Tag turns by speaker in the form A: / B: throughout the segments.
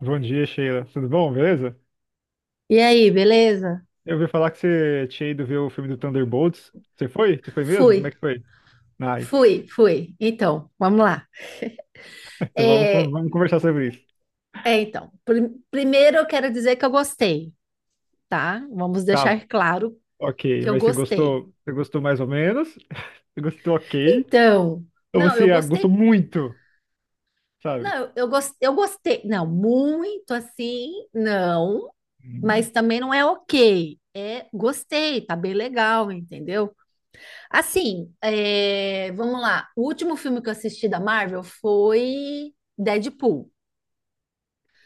A: Bom dia, Sheila. Tudo bom? Beleza?
B: E aí, beleza?
A: Eu ouvi falar que você tinha ido ver o filme do Thunderbolts. Você foi? Você foi mesmo? Como
B: Fui,
A: é que foi? Ah,
B: fui, fui. Então, vamos lá.
A: então
B: É,
A: vamos conversar sobre isso.
B: então, primeiro eu quero dizer que eu gostei, tá? Vamos
A: Tá,
B: deixar claro
A: ok.
B: que eu
A: Mas você
B: gostei.
A: gostou? Você gostou mais ou menos? Você gostou ok?
B: Então,
A: Ou
B: não, eu
A: você gostou
B: gostei,
A: muito?
B: não,
A: Sabe?
B: eu gostei, não muito assim, não,
A: Hum.
B: mas também não é ok. É, gostei, tá bem legal, entendeu? Assim, é, vamos lá. O último filme que eu assisti da Marvel foi Deadpool.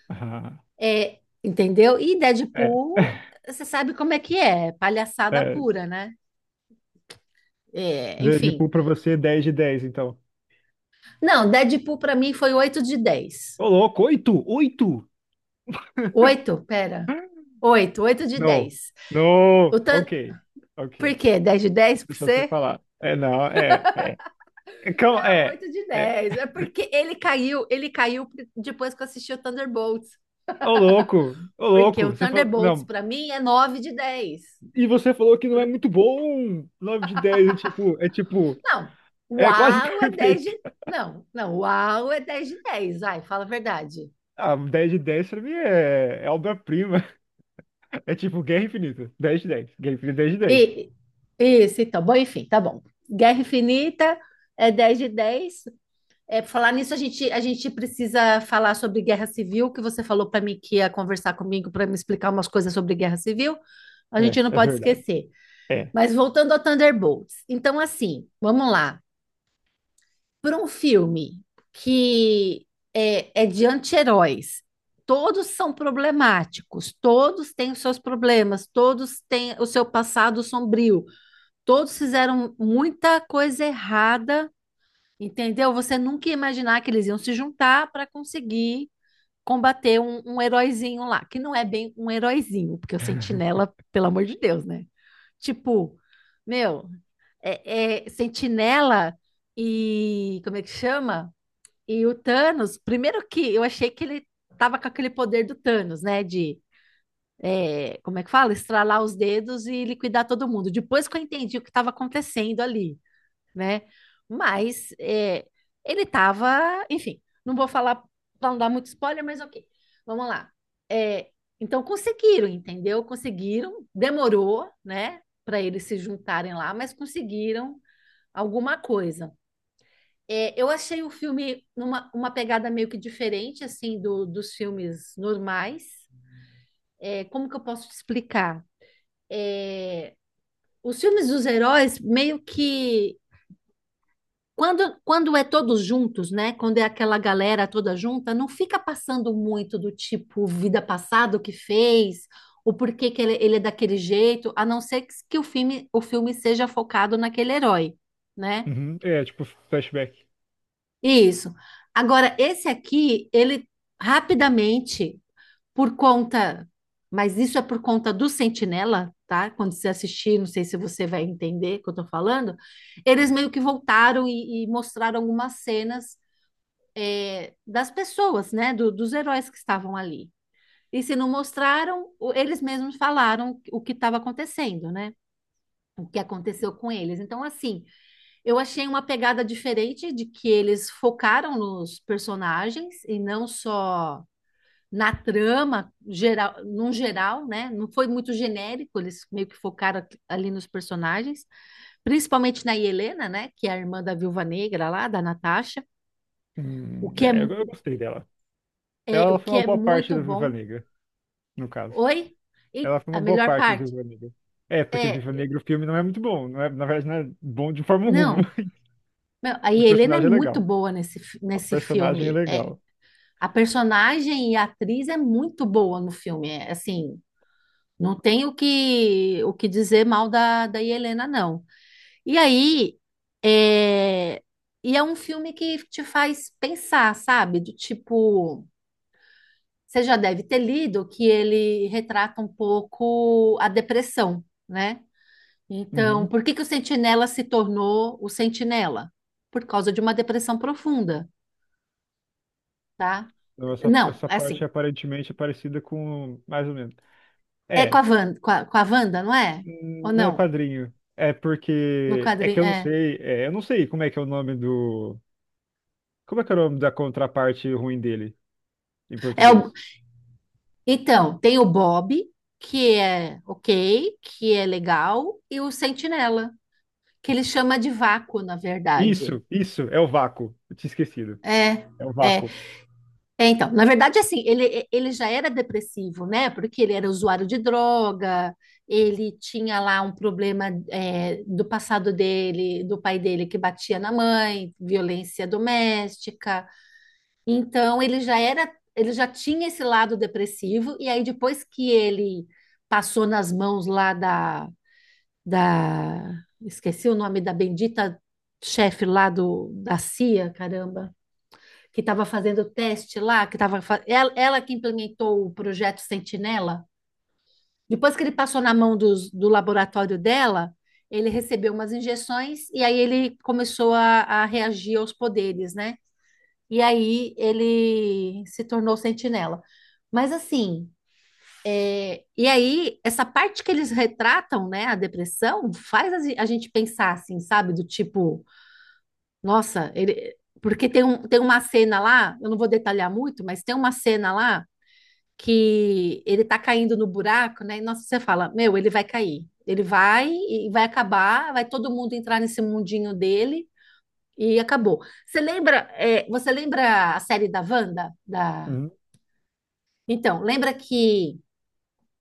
A: Ah,
B: É, entendeu? E
A: é,
B: Deadpool, você sabe como é que é, palhaçada
A: é.
B: pura, né? É, enfim.
A: Deadpool pra você, 10 de 10. Então.
B: Não, Deadpool para mim foi 8/10.
A: Ô, louco, oito. 8?
B: Oito Pera. Oito de
A: Não.
B: dez
A: Não.
B: O tan...
A: Ok.
B: Por
A: Ok.
B: quê? 10/10 pra
A: Deixa você
B: você?
A: falar. É, não, é.
B: Não,
A: É,
B: oito de
A: é.
B: dez É porque ele caiu, depois que eu assisti o Thunderbolts.
A: Ô
B: Porque
A: louco,
B: o
A: você falou.
B: Thunderbolts
A: Não.
B: para mim é 9/10.
A: E você falou que não é muito bom. 9 de 10 é tipo,
B: Não,
A: é quase
B: uau é 10 de...
A: perfeito.
B: Não, não, uau é 10/10. Vai, fala a verdade.
A: Ah, 10 de 10 pra mim é obra-prima. É tipo Guerra Infinita. 10 de 10, Guerra Infinita 10 de 10.
B: E, isso, então. Bom, enfim, tá bom. Guerra Infinita é 10/10. É, pra falar nisso, a gente precisa falar sobre guerra civil, que você falou para mim que ia conversar comigo para me explicar umas coisas sobre guerra civil. A
A: É,
B: gente não
A: é
B: pode
A: verdade.
B: esquecer.
A: É.
B: Mas voltando ao Thunderbolts. Então, assim, vamos lá. Por um filme que é de anti-heróis, todos são problemáticos, todos têm os seus problemas, todos têm o seu passado sombrio, todos fizeram muita coisa errada, entendeu? Você nunca ia imaginar que eles iam se juntar para conseguir combater um heróizinho lá, que não é bem um heróizinho, porque o Sentinela, pelo amor de Deus, né? Tipo, meu, é Sentinela e como é que chama? E o Thanos, primeiro que eu achei que ele tava com aquele poder do Thanos, né? De, como é que fala? Estralar os dedos e liquidar todo mundo. Depois que eu entendi o que estava acontecendo ali, né? Mas ele tava, enfim, não vou falar para não dar muito spoiler, mas ok. Vamos lá. É, então conseguiram, entendeu? Conseguiram, demorou, né, para eles se juntarem lá, mas conseguiram alguma coisa. É, eu achei o filme numa uma pegada meio que diferente assim dos filmes normais. É, como que eu posso te explicar? É, os filmes dos heróis meio que quando é todos juntos, né? Quando é aquela galera toda junta, não fica passando muito do tipo vida passada o que fez, o porquê que ele é daquele jeito, a não ser que o filme seja focado naquele herói, né?
A: Uhum, é, tipo, flashback.
B: Isso. Agora, esse aqui, ele rapidamente, por conta, mas isso é por conta do Sentinela, tá? Quando você assistir, não sei se você vai entender o que eu tô falando, eles meio que voltaram e mostraram algumas cenas, das pessoas, né? Dos heróis que estavam ali. E se não mostraram, eles mesmos falaram o que estava acontecendo, né? O que aconteceu com eles. Então, assim, eu achei uma pegada diferente de que eles focaram nos personagens e não só na trama geral, num geral, né? Não foi muito genérico, eles meio que focaram ali nos personagens, principalmente na Helena, né? Que é a irmã da Viúva Negra lá, da Natasha. o que é,
A: É, eu,
B: mu-
A: eu gostei dela. Ela
B: o
A: foi
B: que
A: uma
B: é
A: boa parte
B: muito
A: da Viva
B: bom.
A: Negra, no caso.
B: Oi? E
A: Ela foi
B: a
A: uma boa
B: melhor
A: parte da
B: parte,
A: Viva Negra. É, porque Viva
B: é,
A: Negra o filme não é muito bom. Não é, na verdade, não é bom de forma alguma.
B: não. Meu, a
A: O
B: Helena é
A: personagem é
B: muito
A: legal.
B: boa
A: A
B: nesse
A: personagem é
B: filme. É,
A: legal.
B: a personagem e a atriz é muito boa no filme. É, assim, não tem o que, dizer mal da Helena, não. E aí, é, e é um filme que te faz pensar, sabe? Do tipo, você já deve ter lido que ele retrata um pouco a depressão, né? Então,
A: Uhum.
B: por que que o Sentinela se tornou o Sentinela? Por causa de uma depressão profunda, tá?
A: Então, essa,
B: Não,
A: essa
B: é
A: parte
B: assim,
A: aparentemente é parecida com. Mais ou menos.
B: é com a
A: É.
B: Wanda, com a Wanda, não é? Ou
A: Não é
B: não?
A: quadrinho. É
B: No
A: porque. É que
B: quadrinho,
A: eu não
B: é.
A: sei. É, eu não sei como é que é o nome do. Como é que é o nome da contraparte ruim dele em
B: É o,
A: português?
B: então, tem o Bob, que é ok, que é legal, e o Sentinela, que ele chama de vácuo, na verdade.
A: Isso, é o vácuo. Eu tinha esquecido.
B: É,
A: É o
B: é.
A: vácuo.
B: É, então, na verdade, assim, ele já era depressivo, né? Porque ele era usuário de droga, ele tinha lá um problema, do passado dele, do pai dele que batia na mãe, violência doméstica. Então, ele já era, ele já tinha esse lado depressivo, e aí depois que ele passou nas mãos lá da, da, esqueci o nome da bendita chefe lá da CIA, caramba, que estava fazendo teste lá, ela que implementou o projeto Sentinela. Depois que ele passou na mão do laboratório dela, ele recebeu umas injeções e aí ele começou a reagir aos poderes, né? E aí ele se tornou Sentinela. Mas assim, e aí essa parte que eles retratam, né, a depressão, faz a gente pensar assim, sabe? Do tipo, nossa, ele, porque tem, tem uma cena lá, eu não vou detalhar muito, mas tem uma cena lá que ele tá caindo no buraco, né? E nossa, você fala, meu, ele vai cair. Ele vai e vai acabar, vai todo mundo entrar nesse mundinho dele e acabou. Você lembra, você lembra a série da Wanda? Da...
A: Uhum.
B: Então, lembra que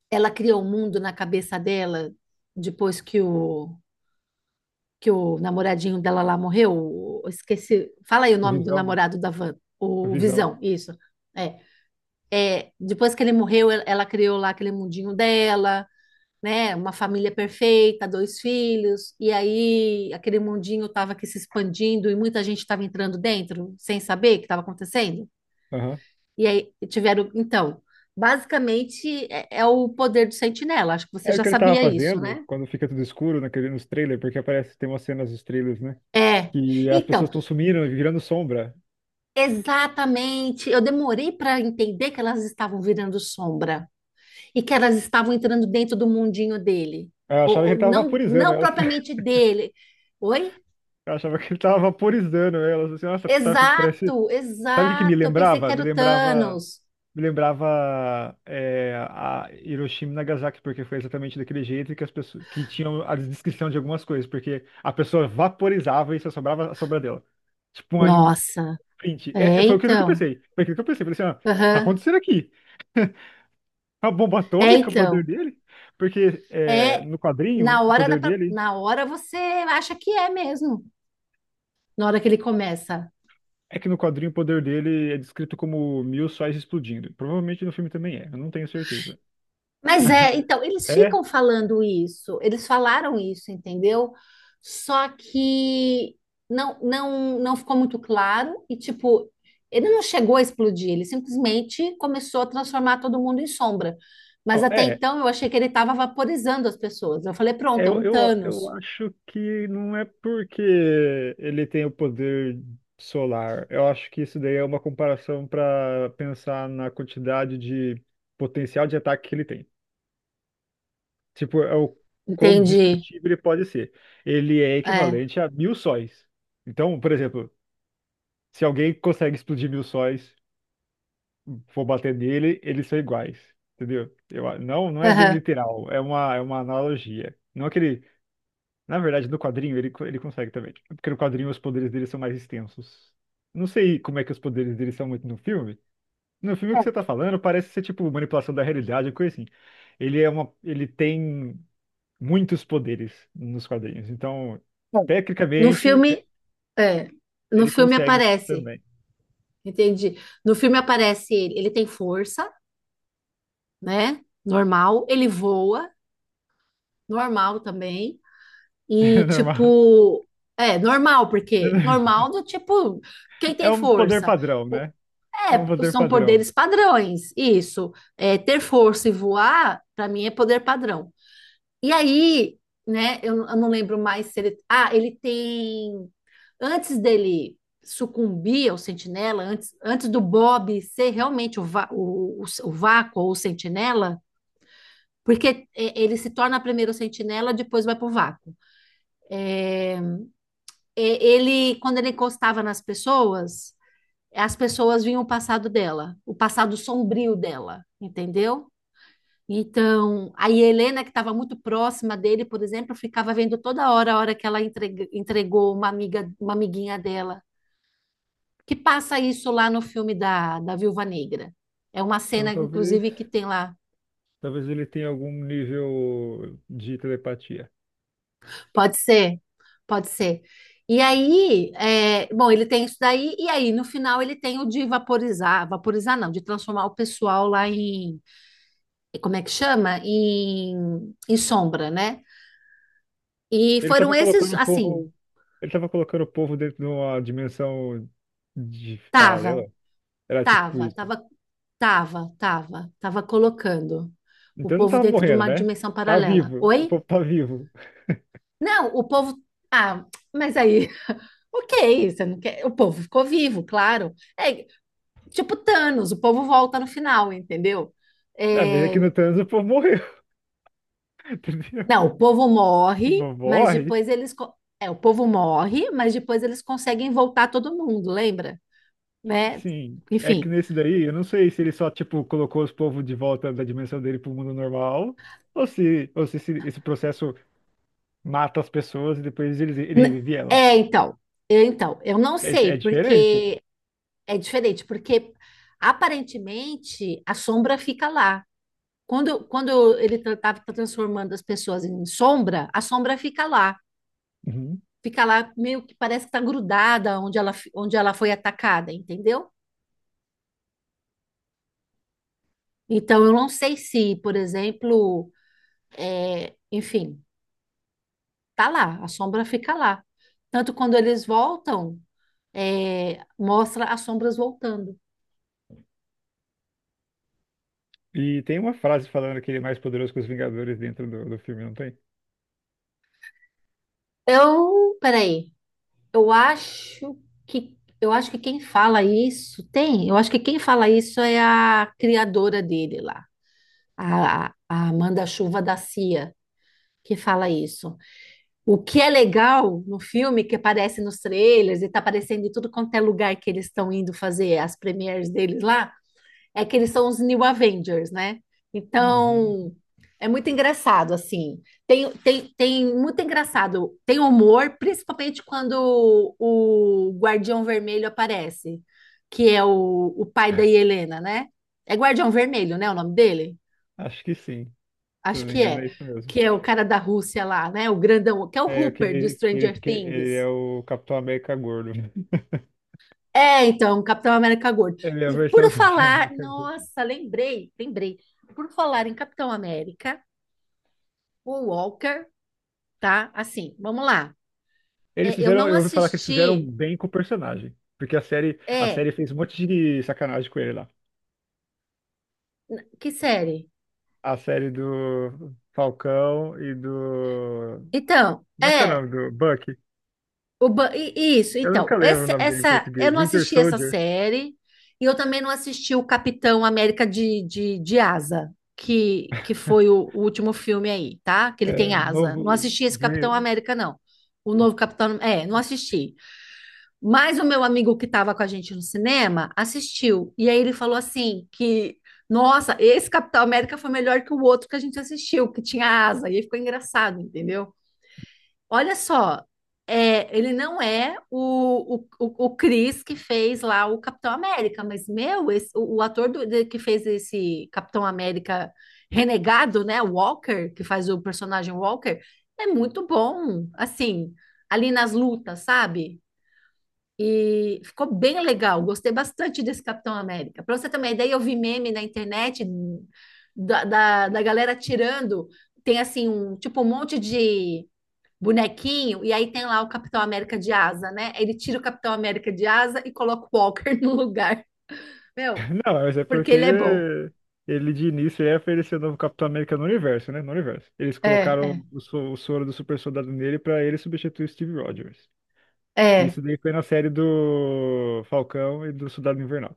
B: ela criou um mundo na cabeça dela depois que que o namoradinho dela lá morreu? Eu esqueci. Fala aí o nome do
A: Visão.
B: namorado da Wanda, o
A: Visão.
B: Visão, isso. É. Depois que ele morreu, ela criou lá aquele mundinho dela, né? Uma família perfeita, dois filhos, e aí aquele mundinho estava aqui se expandindo e muita gente estava entrando dentro sem saber o que estava acontecendo.
A: Aham.
B: E aí tiveram, então, basicamente é o poder do Sentinela. Acho que você
A: É o
B: já
A: que ele tava
B: sabia isso,
A: fazendo
B: né?
A: quando fica tudo escuro naquele, nos trailers, porque aparece, tem umas cenas dos trailers, né?
B: É.
A: Que as
B: Então,
A: pessoas estão sumindo e virando sombra.
B: exatamente. Eu demorei para entender que elas estavam virando sombra e que elas estavam entrando dentro do mundinho dele.
A: Eu
B: Ou,
A: achava que
B: ou
A: ele tava
B: não,
A: vaporizando
B: não
A: elas.
B: propriamente dele. Oi?
A: Eu achava que ele tava vaporizando elas. Assim, nossa, tá, parece.
B: Exato,
A: Sabe o que que me
B: exato. Eu pensei que
A: lembrava?
B: era o Thanos.
A: Me lembrava é, a Hiroshima e Nagasaki, porque foi exatamente daquele jeito que as pessoas que tinham a descrição de algumas coisas, porque a pessoa vaporizava e só sobrava a sobra dela. Tipo, um
B: Nossa,
A: print. Foi aquilo que eu
B: então.
A: pensei. Foi aquilo que eu pensei. Falei assim, ó, o que tá
B: Aham.
A: acontecendo aqui? A bomba
B: É
A: atômica, o poder
B: então.
A: dele? Porque é,
B: É
A: no
B: na
A: quadrinho, o
B: hora
A: poder dele.
B: na hora você acha que é mesmo. Na hora que ele começa.
A: É que no quadrinho o poder dele é descrito como 1.000 sóis explodindo. Provavelmente no filme também é, eu não tenho certeza.
B: Mas então, eles
A: É?
B: ficam falando isso, eles falaram isso, entendeu? Só que não ficou muito claro e, tipo, ele não chegou a explodir, ele simplesmente começou a transformar todo mundo em sombra. Mas
A: Não,
B: até
A: é.
B: então eu achei que ele estava vaporizando as pessoas. Eu falei, pronto, é
A: Eu,
B: um
A: eu, eu
B: Thanos.
A: acho que não é porque ele tem o poder solar. Eu acho que isso daí é uma comparação para pensar na quantidade de potencial de ataque que ele tem. Tipo, é o quão
B: Entendi.
A: destrutível ele pode ser. Ele é
B: É.
A: equivalente a 1.000 sóis. Então, por exemplo, se alguém consegue explodir 1.000 sóis, for bater nele, eles são iguais, entendeu? Eu, não, não é bem
B: Aham.
A: literal, é uma analogia. Não é que ele, na verdade, no quadrinho ele, ele consegue também, porque no quadrinho os poderes dele são mais extensos. Não sei como é que os poderes dele são muito no filme. No filme que você tá
B: É,
A: falando parece ser tipo manipulação da realidade, coisa assim. Ele tem muitos poderes nos quadrinhos, então
B: é. No
A: tecnicamente
B: filme, é. No
A: ele
B: filme
A: consegue
B: aparece.
A: também.
B: Entendi. No filme aparece ele, tem força, né? Normal. Ele voa, normal também. E
A: É normal.
B: tipo, é normal,
A: É
B: porque
A: normal.
B: normal do tipo, quem
A: É
B: tem
A: um poder
B: força?
A: padrão,
B: O-
A: né? É um
B: É,
A: poder
B: são
A: padrão.
B: poderes padrões, isso. É, ter força e voar, para mim, é poder padrão. E aí, né, eu não lembro mais se ele. Ah, ele tem. Antes dele sucumbir ao Sentinela, antes do Bob ser realmente o vácuo ou o Sentinela. Porque ele se torna primeiro Sentinela, depois vai para o vácuo. É. Ele, quando ele encostava nas pessoas, as pessoas vinham o passado dela, o passado sombrio dela, entendeu? Então, a Helena, que estava muito próxima dele, por exemplo, ficava vendo toda hora a hora que ela entregou uma amiga, uma amiguinha dela, que passa isso lá no filme da Viúva Negra. É uma
A: Então
B: cena,
A: talvez,
B: inclusive, que tem lá.
A: talvez ele tenha algum nível de telepatia.
B: Pode ser, pode ser. E aí, bom, ele tem isso daí, e aí no final ele tem o de vaporizar, vaporizar não, de transformar o pessoal lá em, como é que chama? Em sombra, né? E
A: Ele
B: foram
A: estava
B: esses,
A: colocando o
B: assim,
A: povo, ele estava colocando o povo dentro de uma dimensão de
B: tava,
A: paralela. Era tipo
B: tava,
A: isso.
B: tava, tava colocando o
A: Então não
B: povo
A: tava
B: dentro de
A: morrendo,
B: uma
A: né?
B: dimensão
A: Tá
B: paralela.
A: vivo. O
B: Oi?
A: povo tá vivo.
B: Não, o povo, ah, mas aí, ok, você não quer, o povo ficou vivo, claro. É, tipo Thanos, o povo volta no final, entendeu?
A: É, mas
B: É.
A: aqui no Thanos o povo morreu, entendeu?
B: Não, o povo
A: O
B: morre,
A: povo
B: mas
A: morre?
B: depois eles. O povo morre, mas depois eles conseguem voltar todo mundo, lembra? Né?
A: Sim. É que
B: Enfim.
A: nesse daí, eu não sei se ele só, tipo, colocou os povos de volta da dimensão dele pro mundo normal, ou se esse processo mata as pessoas e depois ele
B: N-
A: revive elas.
B: É, então. Eu, então, eu não
A: É,
B: sei,
A: é diferente.
B: porque é diferente, porque aparentemente a sombra fica lá. Quando ele estava transformando as pessoas em sombra, a sombra fica lá,
A: Uhum.
B: fica lá, meio que parece que está grudada onde ela foi atacada, entendeu? Então, eu não sei se, por exemplo, enfim, tá lá, a sombra fica lá. Tanto quando eles voltam, mostra as sombras voltando.
A: E tem uma frase falando que ele é mais poderoso que os Vingadores dentro do filme, não tem?
B: Eu, peraí, eu acho eu acho que quem fala isso tem, eu acho que quem fala isso é a criadora dele lá, a Amanda Chuva da Cia, que fala isso. O que é legal no filme, que aparece nos trailers e tá aparecendo em tudo quanto é lugar que eles estão indo fazer as premieres deles lá, é que eles são os New Avengers, né?
A: Uhum.
B: Então, é muito engraçado, assim. Tem muito engraçado. Tem humor, principalmente quando o Guardião Vermelho aparece, que é o pai da Helena, né? É Guardião Vermelho, né? O nome dele?
A: Acho que sim. Se eu
B: Acho
A: não me
B: que
A: engano,
B: é.
A: é isso mesmo.
B: Que é o cara da Rússia lá, né? O grandão, que é o
A: É
B: Hooper do
A: aquele, ele,
B: Stranger
A: porque ele é
B: Things.
A: o Capitão América gordo.
B: É, então, Capitão América Gordo.
A: Ele é a
B: E
A: versão
B: por
A: do Capitão
B: falar,
A: América gordo.
B: nossa, lembrei, lembrei. Por falar em Capitão América, o Walker, tá? Assim, vamos lá. É, eu não
A: Eu ouvi falar que eles fizeram
B: assisti.
A: bem com o personagem. Porque a série, a
B: É,
A: série fez um monte de sacanagem com ele lá.
B: que série?
A: A série do Falcão e do.
B: Então,
A: Como é que é o nome do Bucky?
B: O Ba- i- isso,
A: Eu
B: então,
A: nunca lembro o nome dele em
B: essa, eu
A: português.
B: não
A: Winter
B: assisti essa
A: Soldier.
B: série e eu também não assisti o Capitão América de, de Asa, que foi o último filme aí, tá? Que ele tem
A: É,
B: asa. Não
A: novo.
B: assisti esse Capitão América, não. O novo Capitão, não assisti. Mas o meu amigo que estava com a gente no cinema assistiu. E aí ele falou assim que, nossa, esse Capitão América foi melhor que o outro que a gente assistiu, que tinha asa. E aí ficou engraçado, entendeu? Olha só, ele não é o Chris que fez lá o Capitão América, mas, meu, o ator que fez esse Capitão América renegado, né, Walker, que faz o personagem Walker, é muito bom, assim, ali nas lutas, sabe? E ficou bem legal, gostei bastante desse Capitão América. Para você ter uma ideia, eu vi meme na internet da galera tirando, tem assim, um, tipo, um monte de bonequinho, e aí tem lá o Capitão América de asa, né? Ele tira o Capitão América de asa e coloca o Walker no lugar. Meu,
A: Não, mas é
B: porque
A: porque
B: ele é bom.
A: ele de início ia oferecer o novo Capitão América no universo, né? No universo. Eles
B: É, é,
A: colocaram o soro do super soldado nele pra ele substituir o Steve Rogers.
B: é,
A: Isso daí foi na série do Falcão e do Soldado Invernal.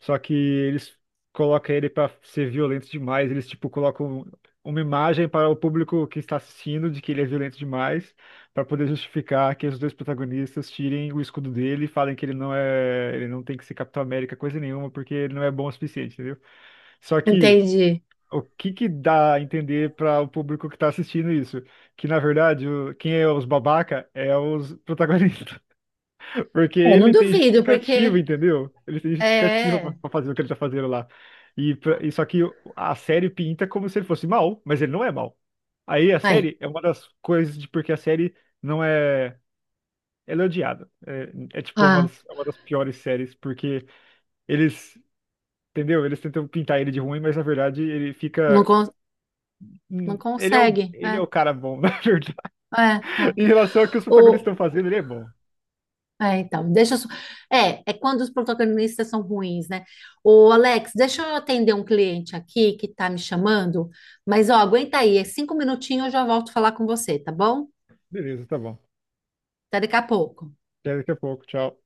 A: Só que eles colocam ele pra ser violento demais. Eles, tipo, colocam uma imagem para o público que está assistindo de que ele é violento demais, pra poder justificar que os dois protagonistas tirem o escudo dele e falem que ele não tem que ser Capitão América, coisa nenhuma, porque ele não é bom o suficiente, entendeu? Só que
B: entendi.
A: o que que dá a entender para o público que está assistindo isso? Que na verdade, quem é os babaca é os protagonistas. Porque
B: É, não
A: ele tem
B: duvido, porque.
A: justificativa, entendeu? Ele tem
B: É.
A: justificativa pra
B: É.
A: pra fazer o que ele tá fazendo lá. E só que a série pinta como se ele fosse mal, mas ele não é mal. Aí a
B: Aí.
A: série é uma das coisas de porque a série não é. Ela é odiada. É tipo
B: Ah,
A: é uma das piores séries, porque eles. Entendeu? Eles tentam pintar ele de ruim, mas na verdade ele
B: não,
A: fica.
B: não
A: Ele é o,
B: consegue.
A: ele é o
B: É,
A: cara bom, na verdade.
B: é, é.
A: Em relação ao que os protagonistas
B: O...
A: estão fazendo, ele é bom.
B: É, então, deixa eu... É, é quando os protagonistas são ruins, né? O Alex, deixa eu atender um cliente aqui que tá me chamando, mas ó, aguenta aí, é 5 minutinhos eu já volto falar com você, tá bom?
A: Beleza, tá bom.
B: Até daqui a pouco.
A: Até daqui a pouco, tchau.